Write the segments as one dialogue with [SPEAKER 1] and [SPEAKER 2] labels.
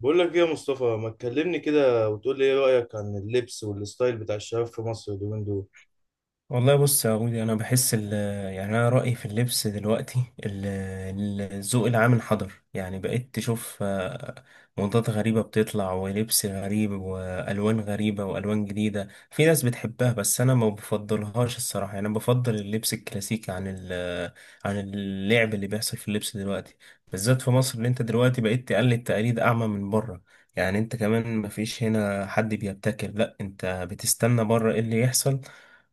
[SPEAKER 1] بقول لك ايه يا مصطفى؟ ما تكلمني كده وتقول لي ايه رأيك عن اللبس والستايل بتاع الشباب في مصر اليومين دول.
[SPEAKER 2] والله بص يا عودي انا بحس ال يعني انا رايي في اللبس دلوقتي، الذوق العام انحدر. يعني بقيت تشوف موضات غريبه بتطلع، ولبس غريب، والوان غريبه، والوان جديده، في ناس بتحبها بس انا ما بفضلهاش الصراحه. يعني انا بفضل اللبس الكلاسيكي عن عن اللعب اللي بيحصل في اللبس دلوقتي، بالذات في مصر. اللي انت دلوقتي بقيت تقلد تقاليد اعمى من بره. يعني انت كمان مفيش هنا حد بيبتكر، لا انت بتستنى بره ايه اللي يحصل،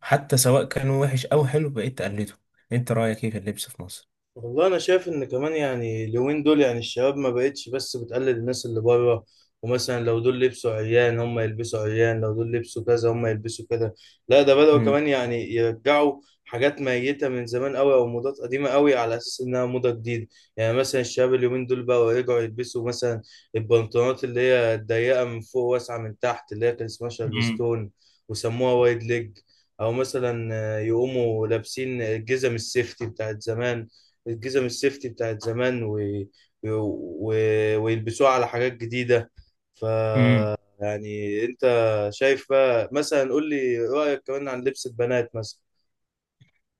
[SPEAKER 2] حتى سواء كان وحش أو حلو بقيت تقلده. أنت رأيك إيه في اللبس في مصر؟
[SPEAKER 1] والله انا شايف ان كمان يعني اليومين دول يعني الشباب ما بقتش بس بتقلد الناس اللي بره. ومثلا لو دول لبسوا عيان هم يلبسوا عيان، لو دول لبسوا كذا هم يلبسوا كده. لا ده بدأوا
[SPEAKER 2] مم.
[SPEAKER 1] كمان يعني يرجعوا حاجات ميتة من زمان قوي او موضات قديمة قوي على اساس انها موضة جديدة. يعني مثلا الشباب اليومين دول بقوا يرجعوا يلبسوا مثلا البنطلونات اللي هي الضيقة من فوق واسعة من تحت اللي هي كان اسمها شارلستون وسموها وايد ليج. او مثلا يقوموا لابسين الجزم السيفتي بتاعت زمان. الجزم السيفتي بتاعت زمان و... و... ويلبسوها على حاجات جديدة. ف
[SPEAKER 2] امم
[SPEAKER 1] يعني انت شايف بقى، مثلا قول لي رأيك كمان عن لبس البنات مثلا.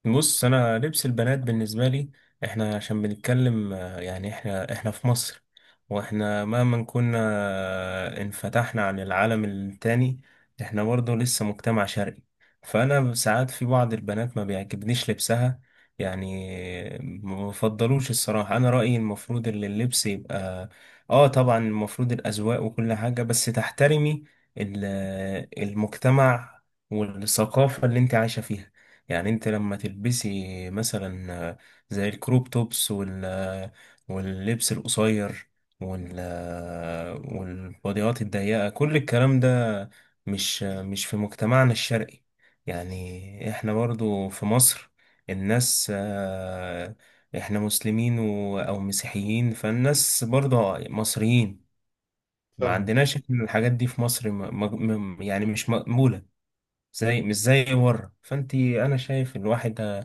[SPEAKER 2] بص انا لبس البنات بالنسبه لي، احنا عشان بنتكلم يعني احنا في مصر. واحنا مهما كنا انفتحنا عن العالم التاني، احنا برضه لسه مجتمع شرقي. فانا ساعات في بعض البنات ما بيعجبنيش لبسها، يعني ما بفضلوش الصراحه. انا رايي المفروض ان اللبس يبقى، اه طبعا المفروض الاذواق وكل حاجه، بس تحترمي المجتمع والثقافه اللي انت عايشه فيها. يعني انت لما تلبسي مثلا زي الكروب توبس واللبس القصير والبوديات الضيقة، كل الكلام ده مش مش في مجتمعنا الشرقي. يعني احنا برضو في مصر الناس، احنا مسلمين او مسيحيين، فالناس برضو مصريين. ما
[SPEAKER 1] فاهم.
[SPEAKER 2] عندناش احنا الحاجات دي في مصر، يعني مش مقبولة. زي مش زي بره، فانت انا شايف الواحد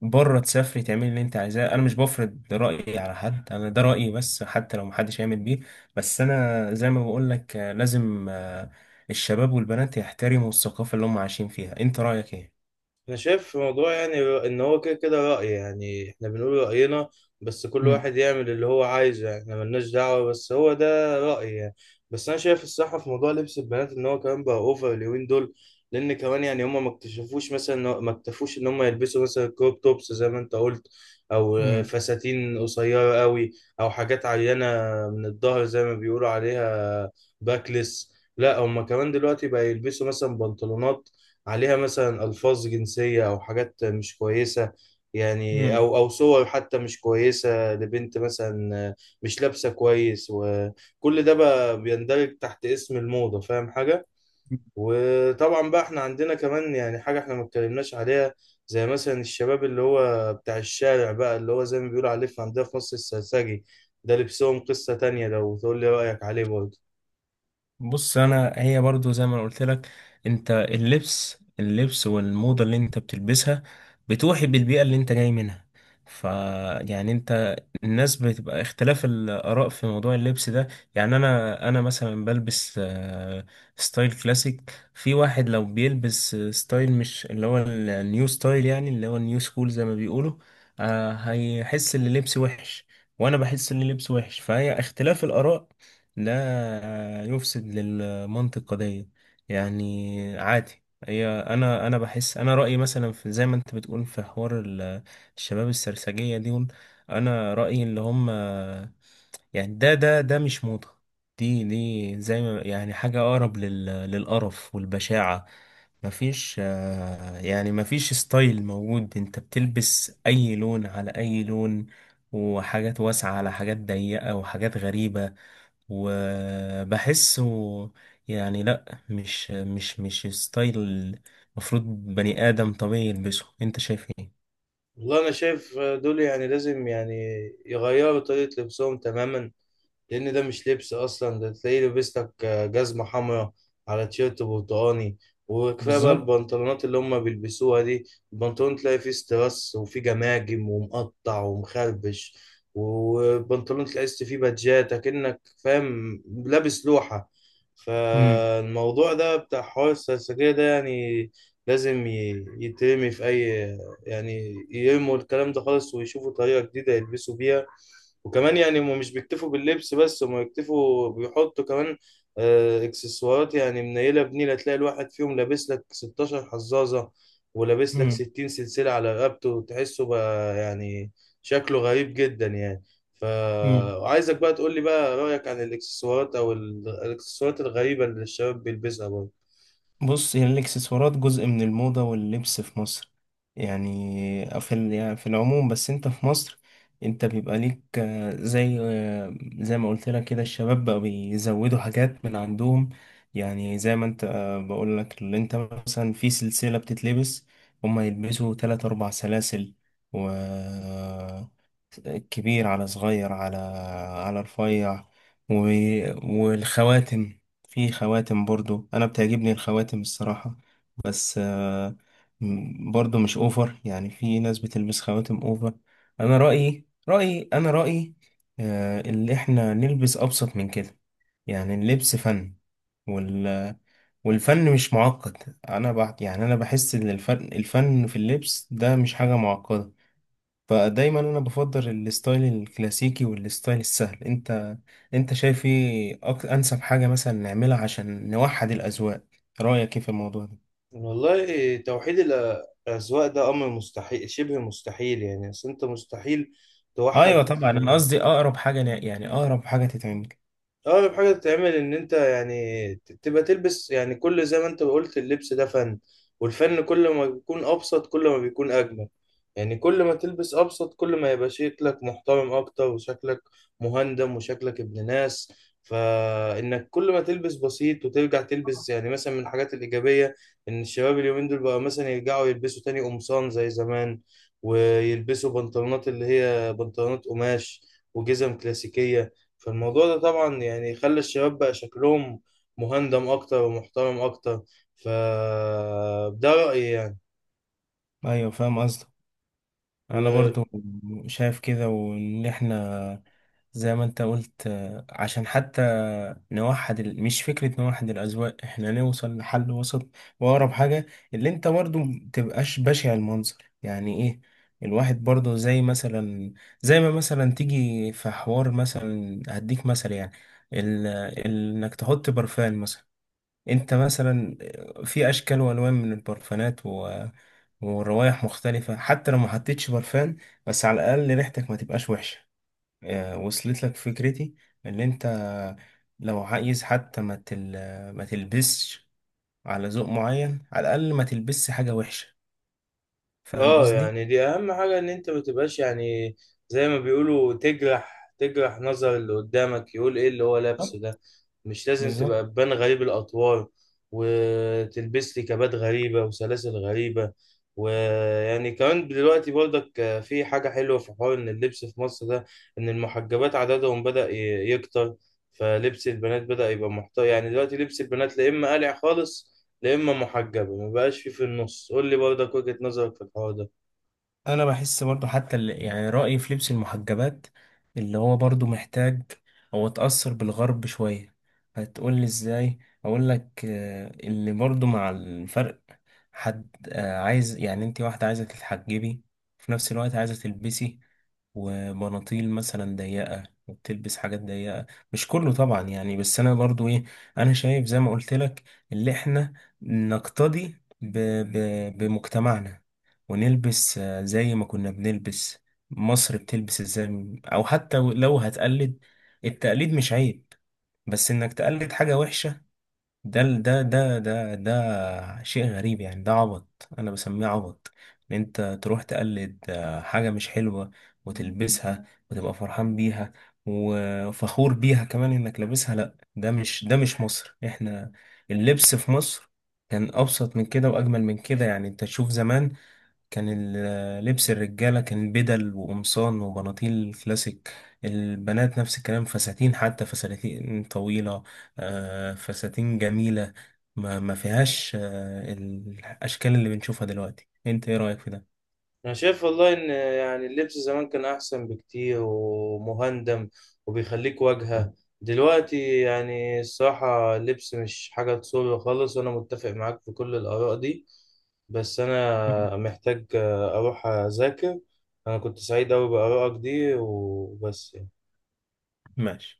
[SPEAKER 2] بره تسافري تعملي اللي انت عايزاه، انا مش بفرض رأيي على حد، انا ده رأيي بس حتى لو محدش هيعمل بيه. بس انا زي ما بقول لك لازم الشباب والبنات يحترموا الثقافة اللي هم عايشين فيها. انت رأيك ايه؟
[SPEAKER 1] انا شايف في موضوع يعني ان هو كده كده رأي، يعني احنا بنقول رأينا بس كل
[SPEAKER 2] امم
[SPEAKER 1] واحد يعمل اللي هو عايزه. يعني احنا ملناش دعوة بس هو ده رأيي يعني. بس انا شايف الصح في موضوع لبس البنات ان هو كمان بقى اوفر اليومين دول. لان كمان يعني هم ما اكتشفوش مثلا ما اكتفوش ان هم يلبسوا مثلا كروب توبس زي ما انت قلت، او فساتين قصيرة قوي، او حاجات عينة من الظهر زي ما بيقولوا عليها باكلس. لا هم كمان دلوقتي بقى يلبسوا مثلا بنطلونات عليها مثلا ألفاظ جنسية أو حاجات مش كويسة، يعني
[SPEAKER 2] امم
[SPEAKER 1] أو أو صور حتى مش كويسة لبنت مثلا مش لابسة كويس. وكل ده بقى بيندرج تحت اسم الموضة، فاهم حاجة؟ وطبعا بقى احنا عندنا كمان يعني حاجة احنا ما اتكلمناش عليها، زي مثلا الشباب اللي هو بتاع الشارع بقى اللي هو زي ما بيقولوا عليه في عندنا في مصر السرسجي. ده لبسهم قصة تانية، لو تقول لي رأيك عليه برضه.
[SPEAKER 2] بص انا، هي برضو زي ما أنا قلت لك، انت اللبس والموضة اللي انت بتلبسها بتوحي بالبيئة اللي انت جاي منها. ف يعني انت الناس بتبقى اختلاف الآراء في موضوع اللبس ده. يعني انا مثلا بلبس ستايل كلاسيك، في واحد لو بيلبس ستايل مش اللي هو النيو ستايل، يعني اللي هو النيو سكول زي ما بيقولوا، هيحس ان لبسي وحش، وانا بحس ان لبسي وحش. فهي اختلاف الآراء لا يفسد للمنطق قضية، يعني عادي. هي انا بحس انا رأيي، مثلا في زي ما انت بتقول في حوار الشباب السرسجية دي، انا رأيي اللي هم يعني ده مش موضة. دي زي ما، يعني حاجة أقرب للقرف والبشاعة. مفيش يعني مفيش ستايل موجود، انت بتلبس أي لون على أي لون، وحاجات واسعة على حاجات ضيقة، وحاجات غريبة، وبحسه يعني لا مش ستايل المفروض بني آدم طبيعي يلبسه. انت شايف ايه؟
[SPEAKER 1] والله أنا شايف دول يعني لازم يعني يغيروا طريقة لبسهم تماما. لان ده مش لبس اصلا. ده تلاقيه لابس لك جزمه حمراء على تيشيرت برتقاني. وكفايه بقى
[SPEAKER 2] بالظبط.
[SPEAKER 1] البنطلونات اللي هم بيلبسوها دي. البنطلون تلاقي فيه استرس وفيه جماجم ومقطع ومخربش. والبنطلون تلاقي فيه بادجات اكنك فاهم لابس لوحه.
[SPEAKER 2] امم
[SPEAKER 1] فالموضوع ده بتاع حوار السرسجية ده يعني لازم يترمي في أي، يعني يرموا الكلام ده خالص ويشوفوا طريقة جديدة يلبسوا بيها. وكمان يعني هم مش بيكتفوا باللبس بس، هم بيكتفوا بيحطوا كمان اكسسوارات. يعني منيلة بنيلة، تلاقي الواحد فيهم لابس لك 16 حزازة ولابس لك 60 سلسلة على رقبته. تحسه بقى يعني شكله غريب جدا يعني.
[SPEAKER 2] امم
[SPEAKER 1] فعايزك بقى تقول لي بقى رأيك عن الاكسسوارات او الاكسسوارات الغريبة اللي الشباب بيلبسها برضه.
[SPEAKER 2] بص، هي الاكسسوارات جزء من الموضة واللبس في مصر، يعني يعني في العموم، بس انت في مصر انت بيبقى ليك زي ما قلت لك كده الشباب بقى بيزودوا حاجات من عندهم. يعني زي ما انت بقول لك، اللي انت مثلا في سلسلة بتتلبس، هما يلبسوا تلات اربع سلاسل، و كبير على صغير على على رفيع و... والخواتم. في خواتم، برضو انا بتعجبني الخواتم الصراحة، بس برضو مش اوفر، يعني في ناس بتلبس خواتم اوفر. انا رأيي اللي احنا نلبس ابسط من كده. يعني اللبس فن، وال والفن مش معقد. انا يعني انا بحس ان الفن في اللبس ده مش حاجة معقدة. فدايما انا بفضل الستايل الكلاسيكي والستايل السهل. انت انت شايف ايه انسب حاجة مثلا نعملها عشان نوحد الاذواق؟ رأيك ايه في الموضوع ده؟
[SPEAKER 1] والله توحيد الأذواق ده أمر مستحيل، شبه مستحيل. يعني أصل أنت مستحيل
[SPEAKER 2] ايوه
[SPEAKER 1] توحد.
[SPEAKER 2] طبعا انا قصدي اقرب حاجة يعني اقرب حاجة تتعمل.
[SPEAKER 1] اغرب حاجه تتعمل ان انت يعني تبقى تلبس، يعني كل زي ما انت قلت اللبس ده فن. والفن كل ما بيكون ابسط كل ما بيكون اجمل. يعني كل ما تلبس ابسط كل ما يبقى شكلك محترم اكتر، وشكلك مهندم وشكلك ابن ناس. فانك كل ما تلبس بسيط وترجع تلبس، يعني مثلا من الحاجات الايجابيه ان الشباب اليومين دول بقى مثلا يرجعوا يلبسوا تاني قمصان زي زمان، ويلبسوا بنطلونات اللي هي بنطلونات قماش، وجزم كلاسيكيه. فالموضوع ده طبعا يعني خلى الشباب بقى شكلهم مهندم اكتر ومحترم اكتر. فده رأيي يعني.
[SPEAKER 2] ايوه فاهم قصدك، انا
[SPEAKER 1] و...
[SPEAKER 2] برضو شايف كده، وان احنا زي ما انت قلت عشان حتى نوحد مش فكرة نوحد الأذواق، احنا نوصل لحل وسط وأقرب حاجة، اللي انت برضو متبقاش بشع المنظر. يعني ايه؟ الواحد برضو، زي مثلا، زي ما مثلا تيجي في حوار مثلا هديك مثلا يعني ال... ال... انك تحط برفان مثلا. انت مثلا في اشكال وانواع من البرفانات والروائح مختلفة. حتى لو ما حطيتش برفان، بس على الاقل ريحتك ما تبقاش وحشة. وصلت لك فكرتي؟ ان انت لو عايز حتى ما تلبسش على ذوق معين، على الاقل ما تلبسش حاجة وحشة. فاهم
[SPEAKER 1] اه
[SPEAKER 2] قصدي؟
[SPEAKER 1] يعني دي اهم حاجة، ان انت ما تبقاش يعني زي ما بيقولوا تجرح تجرح نظر اللي قدامك يقول ايه اللي هو لابسه ده. مش لازم تبقى
[SPEAKER 2] بالظبط.
[SPEAKER 1] تبان غريب الاطوار وتلبس لي كبات غريبة وسلاسل غريبة. ويعني كمان دلوقتي برضك في حاجة حلوة في حوار ان اللبس في مصر ده، ان المحجبات عددهم بدأ يكتر. فلبس البنات بدأ يبقى محتار، يعني دلوقتي لبس البنات لا اما قلع خالص لا اما محجبه، ما بقاش في في النص. قول لي برضك وجهة نظرك في الحوار ده.
[SPEAKER 2] انا بحس برضو، حتى يعني رأيي في لبس المحجبات، اللي هو برضو محتاج، هو اتأثر بالغرب شوية. هتقول لي ازاي؟ اقول لك اللي برضو مع الفرق، حد عايز، يعني انت واحدة عايزة تتحجبي، في نفس الوقت عايزة تلبسي وبناطيل مثلا ضيقة، وبتلبس حاجات ضيقة. مش كله طبعا يعني، بس أنا برضو إيه، أنا شايف زي ما قلت لك، اللي إحنا نقتدي ب... بمجتمعنا ونلبس زي ما كنا بنلبس. مصر بتلبس ازاي؟ او حتى لو هتقلد، التقليد مش عيب، بس انك تقلد حاجة وحشة، ده شيء غريب، يعني ده عبط، انا بسميه عبط ان انت تروح تقلد حاجة مش حلوة وتلبسها، وتبقى فرحان بيها وفخور بيها كمان انك لابسها. لا ده مش مصر احنا. اللبس في مصر كان ابسط من كده واجمل من كده. يعني انت تشوف زمان، كان لبس الرجالة كان بدل وقمصان وبناطيل كلاسيك، البنات نفس الكلام، فساتين، حتى فساتين طويلة، فساتين جميلة. ما فيهاش الأشكال اللي بنشوفها دلوقتي. انت ايه رأيك في ده؟
[SPEAKER 1] انا شايف والله ان يعني اللبس زمان كان احسن بكتير ومهندم وبيخليك واجهة. دلوقتي يعني الصراحة اللبس مش حاجة تسر خالص، وانا متفق معاك في كل الاراء دي. بس
[SPEAKER 2] مم.
[SPEAKER 1] انا محتاج اروح اذاكر. انا كنت سعيد اوي بارائك دي وبس يعني.
[SPEAKER 2] ماشي.